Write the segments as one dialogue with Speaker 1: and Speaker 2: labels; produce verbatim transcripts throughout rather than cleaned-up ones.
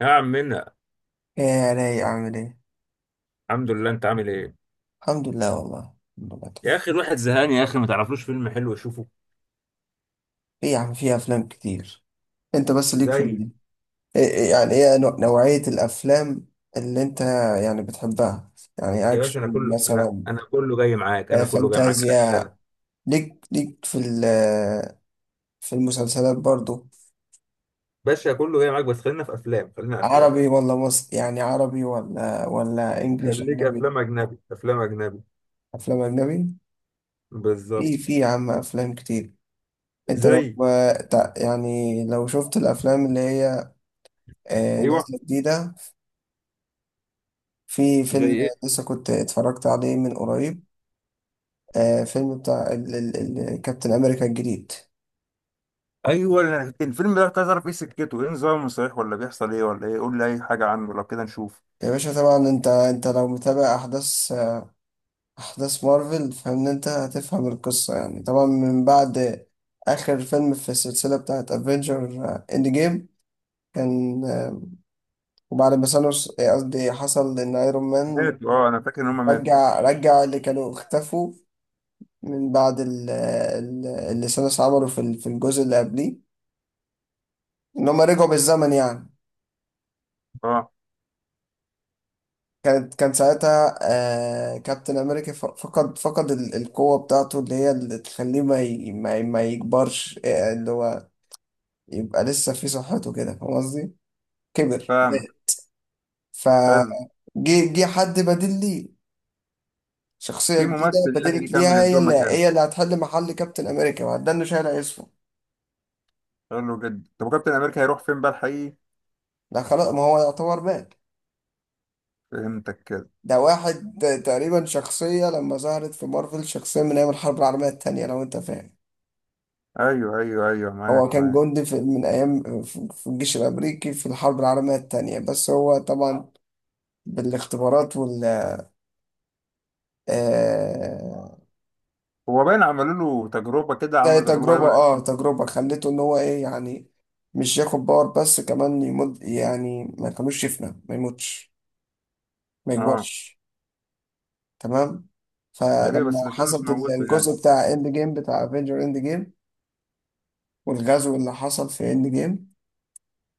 Speaker 1: يا عم منا.
Speaker 2: ايه يا رايق، عامل ايه؟
Speaker 1: الحمد لله، انت عامل ايه؟
Speaker 2: الحمد لله، والله الحمد لله تمام.
Speaker 1: يا اخي الواحد زهقان يا اخي، ما تعرفلوش فيلم حلو يشوفه؟
Speaker 2: ايه يا عم في افلام كتير. انت بس ليك في
Speaker 1: زي
Speaker 2: ال- إيه إيه يعني ايه نوع- نوعية الافلام اللي انت يعني بتحبها، يعني
Speaker 1: يا باشا، انا
Speaker 2: اكشن
Speaker 1: كله انا
Speaker 2: مثلا،
Speaker 1: انا كله جاي معاك
Speaker 2: آه،
Speaker 1: انا كله جاي معاك
Speaker 2: فانتازيا.
Speaker 1: اكشن.
Speaker 2: ليك ليك في ال في المسلسلات برضو.
Speaker 1: باشا كله جاي معاك، بس خلينا في افلام، خلينا افلام.
Speaker 2: عربي ولا مصري، يعني عربي ولا ولا انجليش
Speaker 1: خليك
Speaker 2: اجنبي.
Speaker 1: افلام اجنبي، افلام اجنبي.
Speaker 2: افلام اجنبي.
Speaker 1: بالظبط.
Speaker 2: في في يا عم افلام كتير. انت لو
Speaker 1: زي
Speaker 2: آه، تع- يعني لو شفت الافلام اللي هي آه،
Speaker 1: ايوه.
Speaker 2: نازلة جديدة. في
Speaker 1: زي
Speaker 2: فيلم
Speaker 1: ايه؟
Speaker 2: لسه كنت اتفرجت عليه من قريب، آه، فيلم بتاع ال- ال- ال- كابتن أمريكا الجديد.
Speaker 1: ايوه. أنا كنت- الفيلم ده كنت عايز اعرف ايه سكته، ايه نظامه، صحيح ولا بيحصل ايه ولا ايه؟ قول لي اي حاجه عنه لو كده نشوف.
Speaker 2: يا باشا طبعا انت انت لو متابع احداث آه، احداث مارفل فان انت هتفهم القصة. يعني طبعا من بعد اخر فيلم في السلسلة بتاعت افنجر اند جيم كان، آه، وبعد ما ثانوس، آه، قصدي حصل ان ايرون مان
Speaker 1: ماتوا. اه، انا فاكر ان هم ماتوا.
Speaker 2: رجع رجع اللي كانوا اختفوا من بعد ال- ال- اللي ثانوس عمله في ال- في الجزء اللي قبليه، ان هم رجعوا بالزمن يعني.
Speaker 1: اه،
Speaker 2: كانت كان ساعتها آه كابتن امريكا ف- فقد فقد ال- القوة بتاعته اللي هي اللي تخليه ما ي- ما ي- ما يكبرش، آه، اللي هو يبقى لسه في صحته، كده فاهم قصدي؟ كبر.
Speaker 1: فاهمك. حلو.
Speaker 2: فجي جه حد بديل ليه، شخصية
Speaker 1: في
Speaker 2: جديدة
Speaker 1: ممثل يعني جه
Speaker 2: بدلت
Speaker 1: يكمل
Speaker 2: ليها، هي
Speaker 1: الدور
Speaker 2: اللي
Speaker 1: مكانه؟
Speaker 2: هي اللي هتحل محل كابتن امريكا، ما ده اللي شايل اسمه.
Speaker 1: حلو جدا. طب وكابتن امريكا هيروح فين بقى الحقيقي؟
Speaker 2: ده خلاص، ما هو يعتبر مات.
Speaker 1: فهمتك كده.
Speaker 2: ده واحد، آه، تقريبا شخصية لما ظهرت في مارفل، شخصية من أيام الحرب العالمية التانية لو أنت فاهم.
Speaker 1: ايوه ايوه ايوه،
Speaker 2: هو
Speaker 1: معاك
Speaker 2: كان
Speaker 1: معاك.
Speaker 2: جندي في من أيام في في الجيش الأمريكي في الحرب العالمية التانية، بس هو طبعا بالاختبارات وال آه،
Speaker 1: هو باين عملوا له تجربه كده،
Speaker 2: ده
Speaker 1: عملوا تجربه
Speaker 2: تجربة،
Speaker 1: دايما.
Speaker 2: اه تجربة خليته إن هو إيه يعني، مش ياخد باور بس، كمان يمد يعني ما كانوش يفنى، ما يموتش، ما
Speaker 1: اه.
Speaker 2: يكبرش. تمام.
Speaker 1: غريبه،
Speaker 2: فلما
Speaker 1: بس ده كان مش
Speaker 2: حصلت
Speaker 1: موته يعني.
Speaker 2: الجزء بتاع إند جيم بتاع افنجر إند جيم، والغزو اللي حصل في إند جيم،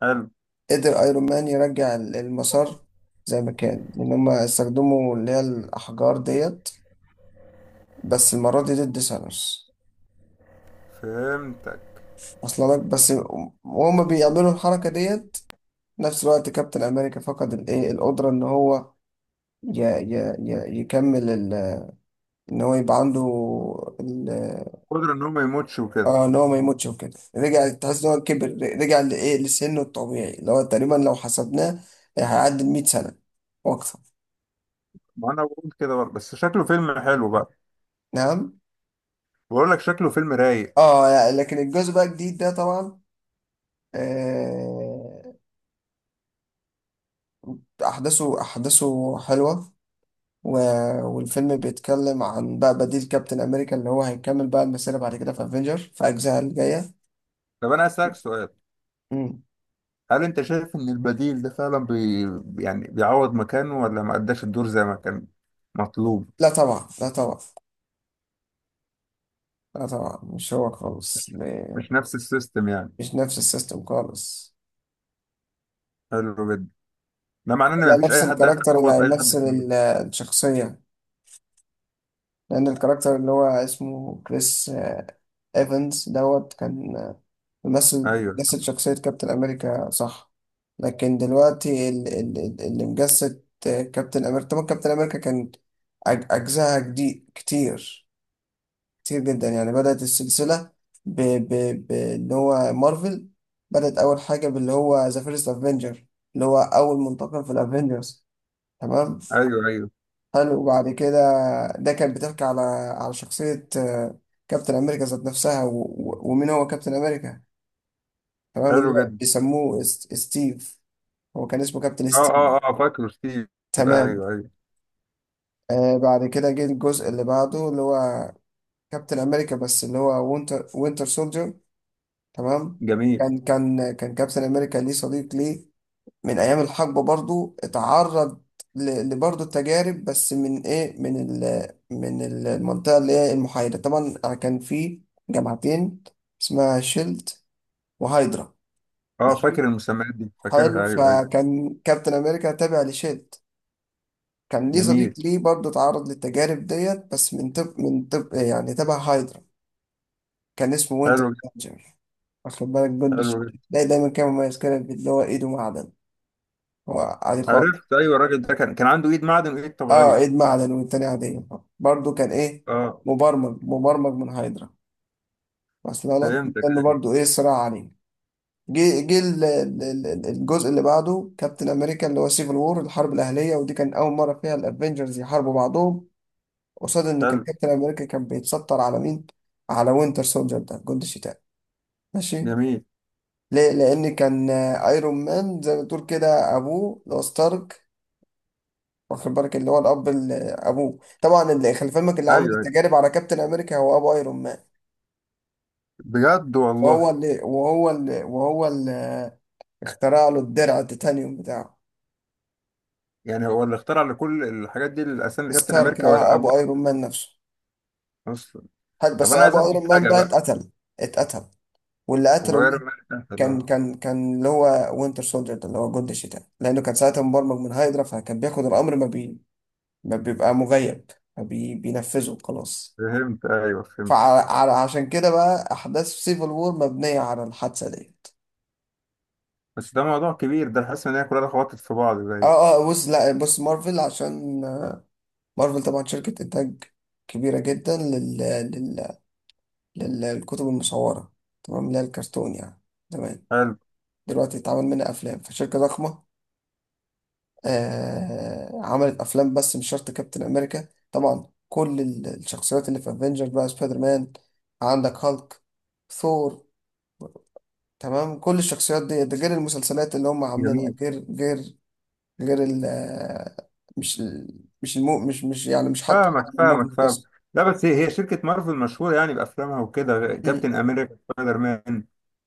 Speaker 1: حلو.
Speaker 2: قدر ايرون مان يرجع ال- المسار زي ما كان، ان هم استخدموا اللي هي الاحجار ديت بس المره دي ضد ثانوس.
Speaker 1: فهمتك.
Speaker 2: اصلا لك بس، وهم بيعملوا الحركه ديت نفس الوقت، كابتن امريكا فقد الايه القدره ان هو ي ي ي يكمل ال- ان هو يبقى عنده ال-
Speaker 1: قدرة ان هو ما يموتش وكده.
Speaker 2: اه، ان هو ما يموتش وكده. رجع، تحس ان هو كبر، رجع لايه، لسنه الطبيعي اللي هو تقريبا لو حسبناه هيعدي ال مئة سنه واكثر.
Speaker 1: ما انا بقول كده برضه، بس شكله فيلم حلو بقى.
Speaker 2: نعم.
Speaker 1: بقول لك شكله فيلم رايق.
Speaker 2: اه يعني لكن الجزء بقى الجديد ده طبعا، آه، احداثه احداثه حلوه، و... والفيلم بيتكلم عن بقى بديل كابتن امريكا اللي هو هيكمل بقى المسيره بعد كده في افنجر، في اجزاء الجايه.
Speaker 1: طب انا اسالك سؤال.
Speaker 2: مم.
Speaker 1: هل انت شايف ان البديل ده فعلا بي... يعني بيعوض مكانه ولا ما اداش الدور زي ما كان مطلوب؟
Speaker 2: لا طبعا، لا طبعا، لا طبعا مش هو خالص م-
Speaker 1: مش نفس السيستم يعني.
Speaker 2: مش نفس السيستم خالص.
Speaker 1: حلو جدا. ده معناه ان
Speaker 2: لا،
Speaker 1: مفيش
Speaker 2: نفس
Speaker 1: اي حد يعرف
Speaker 2: الكاركتر اللي
Speaker 1: يعوض اي حد
Speaker 2: هيمثل
Speaker 1: في المية.
Speaker 2: ال- الشخصيه، لان الكاركتر اللي هو اسمه كريس، آه، ايفنز دوت، كان آه، مثل،
Speaker 1: ايوه صح.
Speaker 2: مثل شخصية كابتن أمريكا صح، لكن دلوقتي ال- ال- ال- اللي مجسد كابتن أمريكا، طبعا كابتن أمريكا كان أج- أجزائها جديد كتير، كتير جدا. يعني بدأت السلسلة ب... ب... ب... اللي هو مارفل، بدأت أول حاجة باللي هو ذا فيرست أفنجر، اللي هو أول منتقم في الأفنجرز. تمام.
Speaker 1: ايوه ايوه.
Speaker 2: حلو. وبعد كده ده كان بتحكي على على شخصية، آه، كابتن أمريكا ذات نفسها، و... و... ومين هو كابتن أمريكا، تمام، اللي
Speaker 1: حلو
Speaker 2: هو
Speaker 1: جدا.
Speaker 2: بيسموه است- ستيف. هو كان اسمه كابتن
Speaker 1: اه
Speaker 2: ستيف.
Speaker 1: اه اه، فاكره ستيف.
Speaker 2: تمام.
Speaker 1: ايوه ايوه.
Speaker 2: آه بعد كده جه الجزء اللي بعده اللي هو كابتن امريكا، بس اللي هو وينتر وينتر سولجر. تمام.
Speaker 1: جميل.
Speaker 2: كان كان كان كابتن امريكا ليه صديق ليه من ايام الحقبه، برضو اتعرض ل- لبرضو التجارب، بس من ايه، من ال من ال- المنطقه اللي هي المحايده. طبعا كان في جماعتين اسمها شيلد وهايدرا.
Speaker 1: اه،
Speaker 2: ماشي.
Speaker 1: فاكر المسميات دي
Speaker 2: حلو،
Speaker 1: فاكرها، ايوه ايوه.
Speaker 2: فكان كابتن امريكا تابع لشيلد، كان ليه صديق
Speaker 1: جميل.
Speaker 2: ليه برضه اتعرض للتجارب ديت، بس من طب، من طب يعني تبع هايدرا، كان اسمه وينتر
Speaker 1: حلو جدا.
Speaker 2: سولجر، واخد بالك، جند
Speaker 1: حلو
Speaker 2: الشتاء.
Speaker 1: جدا.
Speaker 2: ده دايما كان مميز كده، اللي هو ايده معدن، هو عادي خالص.
Speaker 1: عرفت، ايوه الراجل ده كان كان عنده ايد معدن وايد
Speaker 2: اه،
Speaker 1: طبيعيه.
Speaker 2: ايد معدن والتاني عادية، برضه كان ايه،
Speaker 1: اه.
Speaker 2: مبرمج مبرمج من هايدرا، بس لا لا
Speaker 1: فهمتك،
Speaker 2: كان
Speaker 1: ايوه.
Speaker 2: برضه ايه، صراع عليه. جه جه ال- ال- ال- ال- الجزء اللي بعده، كابتن امريكا اللي هو سيفل وور، الحرب الاهليه، ودي كان اول مره فيها الافنجرز يحاربوا بعضهم، قصاد ان كان
Speaker 1: حلو.
Speaker 2: كابتن امريكا كان بيتستر على مين، على وينتر سولجر ده، جندي الشتاء. ماشي.
Speaker 1: جميل.
Speaker 2: ليه، لان كان آه، ايرون مان زي ما تقول كده ابوه اللي هو ستارك، واخد بالك اللي هو الاب، اللي ابوه طبعا اللي خلي فهمك، اللي عامل
Speaker 1: ايوه ايوه،
Speaker 2: التجارب على كابتن امريكا هو ابو ايرون مان،
Speaker 1: بجد والله.
Speaker 2: وهو اللي وهو اللي وهو اللي آه، اخترع له الدرع التيتانيوم بتاعه.
Speaker 1: يعني هو اللي اخترع لكل الحاجات دي الاسامي لكابتن
Speaker 2: ستارك،
Speaker 1: امريكا
Speaker 2: آه،
Speaker 1: ويبقى
Speaker 2: ابو ايرون مان نفسه.
Speaker 1: اصلا.
Speaker 2: هل
Speaker 1: طب
Speaker 2: بس
Speaker 1: انا عايز
Speaker 2: ابو
Speaker 1: افهم
Speaker 2: ايرون مان
Speaker 1: حاجه
Speaker 2: بقى
Speaker 1: بقى.
Speaker 2: اتقتل، اتقتل، واللي
Speaker 1: هو
Speaker 2: قتله
Speaker 1: غير
Speaker 2: مين؟
Speaker 1: امريكا
Speaker 2: كان
Speaker 1: ده.
Speaker 2: كان كان اللي هو وينتر سولجر ده اللي هو جندي الشتاء، لانه كان ساعتها مبرمج من هايدرا، فكان بياخد الامر ما, بي... ما بيبقى مغيب، ما بي... بينفذه خلاص.
Speaker 1: فهمت، ايوه فهمت.
Speaker 2: فعشان كده بقى احداث سيفل وور مبنيه على الحادثه ديت.
Speaker 1: بس ده موضوع كبير، ده حاسس ان هي كلها خبطت في بعض
Speaker 2: اه
Speaker 1: زي.
Speaker 2: اه بص، لا بص، مارفل عشان آه، مارفل طبعا شركه انتاج كبيره جدا لل... لل... لل... للكتب المصوره، تمام، اللي هي الكرتون يعني. تمام.
Speaker 1: حلو.
Speaker 2: دلوقتي اتعمل منها افلام، فشركه ضخمه، آه عملت افلام. بس مش شرط كابتن امريكا، طبعا كل ال- الشخصيات اللي في افنجر بقى سبايدر مان، عندك هالك، ثور، تمام، كل الشخصيات دي، ده غير المسلسلات اللي هم عاملينها،
Speaker 1: جميل.
Speaker 2: غير غير غير ال آه، مش ال- مش المو مش مش يعني مش حاطط
Speaker 1: فاهمك فاهمك
Speaker 2: الموفيز
Speaker 1: فاهمك.
Speaker 2: بس.
Speaker 1: لا بس هي هي شركة مارفل مشهورة يعني بأفلامها وكده،
Speaker 2: مم.
Speaker 1: كابتن أمريكا، سبايدر مان.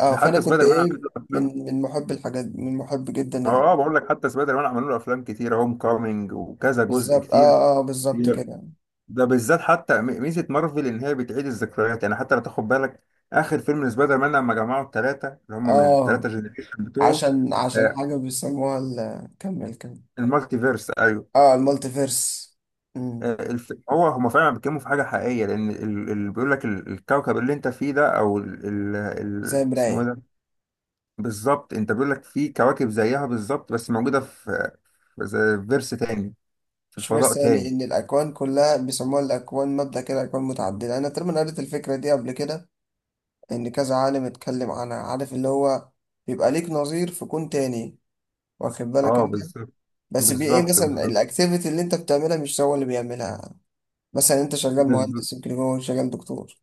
Speaker 2: اه
Speaker 1: ده
Speaker 2: فانا
Speaker 1: حتى
Speaker 2: كنت
Speaker 1: سبايدر مان عمل
Speaker 2: ايه،
Speaker 1: له أفلام.
Speaker 2: من من محب الحاجات دي، من محب جدا
Speaker 1: اه
Speaker 2: ال-
Speaker 1: آه، بقول لك حتى سبايدر مان عملوا له أفلام كتير، هوم كامينج وكذا جزء
Speaker 2: بالظبط،
Speaker 1: كتير.
Speaker 2: اه اه بالظبط كده.
Speaker 1: ده بالذات حتى م- ميزة مارفل إن هي بتعيد الذكريات يعني، حتى لو تاخد بالك آخر فيلم لسبايدر مان لما جمعوا الثلاثة اللي هم من
Speaker 2: اه
Speaker 1: الثلاثة جنريشن بتوعه.
Speaker 2: عشان عشان
Speaker 1: آه،
Speaker 2: حاجه بيسموها ال- كمل كمل.
Speaker 1: المالتيفيرس، ايوه.
Speaker 2: اه المالتي فيرس. مم.
Speaker 1: آه، الف... هو هما فعلا بيتكلموا في حاجة حقيقية، لأن ال- اللي بيقول لك ال- الكوكب اللي أنت فيه ده أو ال... ال...
Speaker 2: زي
Speaker 1: ال... اسمه إيه
Speaker 2: مراية.
Speaker 1: ده؟ بالظبط. أنت بيقول لك في كواكب زيها بالظبط بس موجودة في في زي فيرس تاني، في
Speaker 2: مش
Speaker 1: فضاء
Speaker 2: فيرس، يعني
Speaker 1: تاني.
Speaker 2: ان الاكوان كلها بيسموها الاكوان، مبدأ كده، اكوان متعددة، انا تقريبا قريت الفكرة دي قبل كده، ان كذا عالم اتكلم عنها، عارف اللي هو بيبقى ليك نظير في كون تاني، واخد بالك
Speaker 1: أه
Speaker 2: انت،
Speaker 1: بالظبط
Speaker 2: بس بي ايه،
Speaker 1: بالظبط.
Speaker 2: مثلا
Speaker 1: بالظبط
Speaker 2: الاكتيفيتي اللي انت بتعملها مش هو اللي بيعملها، مثلا انت شغال
Speaker 1: بالظبط.
Speaker 2: مهندس يمكن هو شغال دكتور،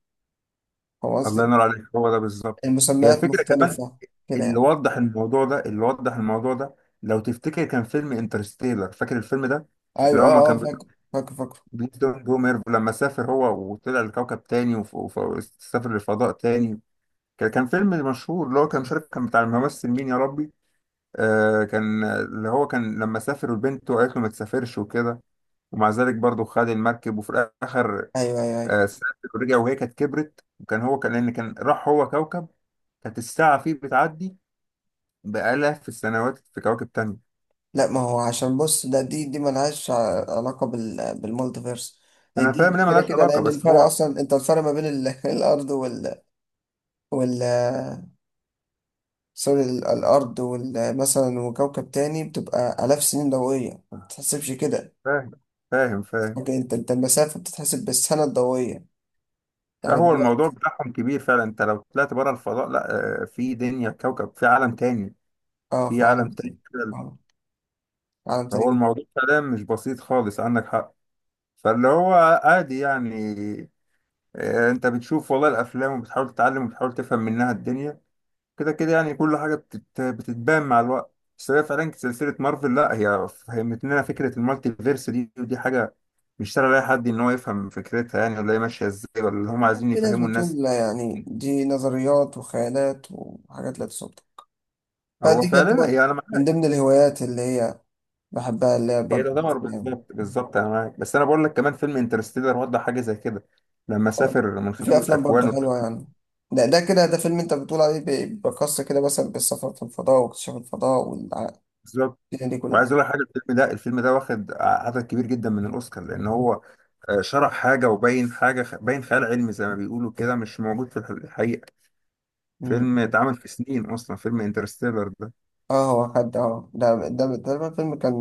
Speaker 2: فاهم
Speaker 1: الله
Speaker 2: قصدي؟
Speaker 1: ينور عليك، هو ده بالظبط. هي
Speaker 2: المسميات
Speaker 1: الفكرة كمان.
Speaker 2: مختلفة كده
Speaker 1: اللي
Speaker 2: يعني.
Speaker 1: وضح الموضوع ده، اللي وضح الموضوع ده، لو تفتكر كان فيلم انترستيلر، فاكر الفيلم ده؟ اللي
Speaker 2: ايوه
Speaker 1: هو ما
Speaker 2: اه اه
Speaker 1: كان
Speaker 2: فاكر، فاكر فاكر.
Speaker 1: بليتون بوميرف لما سافر هو وطلع لكوكب تاني وف- وف- وسافر للفضاء تاني. كان كان فيلم مشهور، اللي هو كان مشارك، كان بتاع الممثل مين يا ربي. آه كان اللي هو كان لما سافر وبنته قالت له ما تسافرش وكده، ومع ذلك برضه خد المركب، وفي الآخر
Speaker 2: ايوه ايوه ايوه.
Speaker 1: آه سافر ورجع، وهي كانت كبرت، وكان هو كان لأن كان راح هو كوكب كانت الساعة فيه بتعدي بآلاف السنوات في كواكب تانية.
Speaker 2: لا ما هو عشان بص، ده دي دي ملهاش ع- علاقة بال بالمالتيفيرس، دي
Speaker 1: أنا فاهم
Speaker 2: دي
Speaker 1: إنها
Speaker 2: كده
Speaker 1: ملهاش
Speaker 2: كده،
Speaker 1: علاقة
Speaker 2: لأن
Speaker 1: بس
Speaker 2: الفرق
Speaker 1: هو.
Speaker 2: أصلا أنت، الفرق ما بين ال... الأرض وال وال، سوري، ال- الأرض وال مثلا وكوكب تاني، بتبقى آلاف سنين ضوئية، ما بتتحسبش كده.
Speaker 1: فاهم فاهم فاهم.
Speaker 2: لكن أنت، أنت المسافة بتتحسب بالسنة الضوئية يعني
Speaker 1: هو الموضوع
Speaker 2: دلوقتي.
Speaker 1: بتاعهم كبير فعلا. انت لو طلعت بره الفضاء، لا، آه، في دنيا، كوكب، في عالم تاني.
Speaker 2: أه،
Speaker 1: في
Speaker 2: في عالم
Speaker 1: عالم تاني
Speaker 2: تاني.
Speaker 1: كده.
Speaker 2: أه، في عالم تاني
Speaker 1: فهو
Speaker 2: جدا.
Speaker 1: الموضوع فعلا مش بسيط خالص، عندك حق. فاللي هو عادي يعني. آه، انت بتشوف والله الافلام وبتحاول تتعلم وبتحاول تفهم منها الدنيا. كده كده يعني، كل حاجة بتت... بتتبان مع الوقت. بس هي فعلا سلسلة مارفل، لا، هي فهمت لنا فكرة المالتي فيرس دي، ودي حاجة مش سهل لأي حد إن هو يفهم فكرتها يعني، ولا هي ماشية إزاي، ولا اللي هم عايزين
Speaker 2: في ناس
Speaker 1: يفهموا الناس.
Speaker 2: بتقول لا، يعني دي نظريات وخيالات وحاجات لا تصدق.
Speaker 1: هو
Speaker 2: فدي كانت
Speaker 1: فعلا
Speaker 2: طبعاً
Speaker 1: يعني انا
Speaker 2: من ضمن الهوايات اللي هي بحبها، اللي هي
Speaker 1: هي
Speaker 2: برضه
Speaker 1: تعتبر.
Speaker 2: الأفلام.
Speaker 1: بالظبط بالظبط، انا معاك. بس انا بقول لك كمان فيلم انترستيلر وضح حاجه زي كده، لما
Speaker 2: آه،
Speaker 1: سافر من خلال
Speaker 2: في افلام برضه
Speaker 1: الاكوان وال-.
Speaker 2: حلوه يعني. ده ده كده ده فيلم انت بتقول عليه بي- بيقص كده مثلا بالسفر في الفضاء واكتشاف الفضاء والدنيا
Speaker 1: بالظبط.
Speaker 2: دي كلها.
Speaker 1: وعايز اقول لك حاجه، الفيلم ده الفيلم ده واخد عدد كبير جدا من الاوسكار لان هو آه، شرح حاجه وبين حاجه خ- باين خيال علمي زي ما بيقولوا كده، مش موجود في الح- الحقيقه. فيلم
Speaker 2: مم.
Speaker 1: اتعمل في سنين اصلا، فيلم انترستيلر ده.
Speaker 2: اه هو خد، اه ده ده ده تقريبا فيلم كان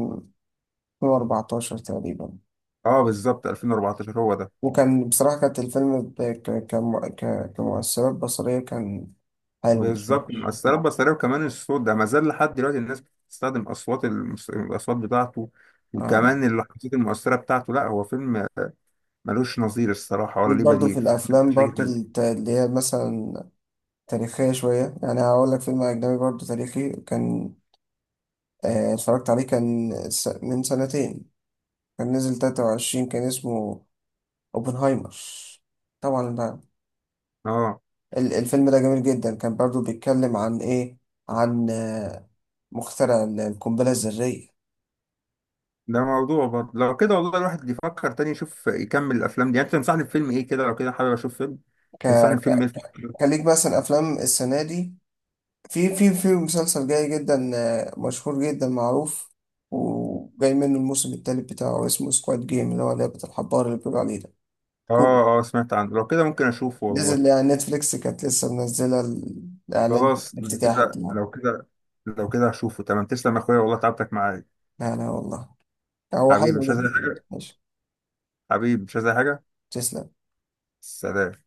Speaker 2: ألفين وأربعة عشر تقريبا.
Speaker 1: اه بالظبط، ألفين وأربعتاشر هو ده.
Speaker 2: وكان بصراحة كانت الفيلم ب- ك- كم- ك- كمؤثرات بصرية كان حلو، مش
Speaker 1: بالظبط،
Speaker 2: وحش.
Speaker 1: مؤثرات بصرية وكمان الصوت ده ما زال لحد دلوقتي الناس بتستخدم أصوات المس... الأصوات بتاعته،
Speaker 2: آه.
Speaker 1: وكمان اللحظات المؤثرة بتاعته. لا هو فيلم آه، ملوش نظير الصراحة ولا
Speaker 2: ليك
Speaker 1: ليه
Speaker 2: برضو
Speaker 1: بديل،
Speaker 2: في
Speaker 1: فاهم؟
Speaker 2: الأفلام
Speaker 1: مش هيجي
Speaker 2: برضو
Speaker 1: تاني.
Speaker 2: الت- اللي هي مثلا تاريخية شوية، يعني هقول لك فيلم أجنبي برضو تاريخي كان، آه، اتفرجت عليه كان س- من سنتين، كان نزل تلاتة وعشرين، كان اسمه اوبنهايمر. طبعا بقى
Speaker 1: اه،
Speaker 2: ال- الفيلم ده جميل جدا، كان برضو بيتكلم عن ايه، عن آه، مخترع ال- القنبلة الذرية.
Speaker 1: ده موضوع برضه لو كده والله، الواحد يفكر تاني يشوف يكمل الأفلام دي يعني. أنت تنصحني بفيلم إيه كده لو كده؟ حابب أشوف فيلم،
Speaker 2: ك...
Speaker 1: تنصحني بفيلم
Speaker 2: ك...
Speaker 1: إيه؟
Speaker 2: كليك مثلا افلام السنة دي، في في في مسلسل جاي جدا، آه، مشهور جدا معروف، وجاي منه الموسم التالت بتاعه، اسمه سكواد جيم، اللي هو لعبة الحبار اللي بيقولوا عليه، ده
Speaker 1: اه اه، سمعت عنه، لو كده ممكن أشوفه والله.
Speaker 2: نزل يعني نتفليكس كانت لسه منزلة الإعلان
Speaker 1: خلاص لو
Speaker 2: الافتتاح
Speaker 1: كده،
Speaker 2: بتاعه.
Speaker 1: لو كده لو كده هشوفه، تمام. تسلم يا أخويا والله، تعبتك معايا.
Speaker 2: لا لا والله، هو
Speaker 1: حبيبي
Speaker 2: حلو
Speaker 1: مش عايز أي
Speaker 2: جدا،
Speaker 1: حاجة.
Speaker 2: ماشي.
Speaker 1: حبيبي مش عايز أي حاجة.
Speaker 2: تسلم.
Speaker 1: سلام.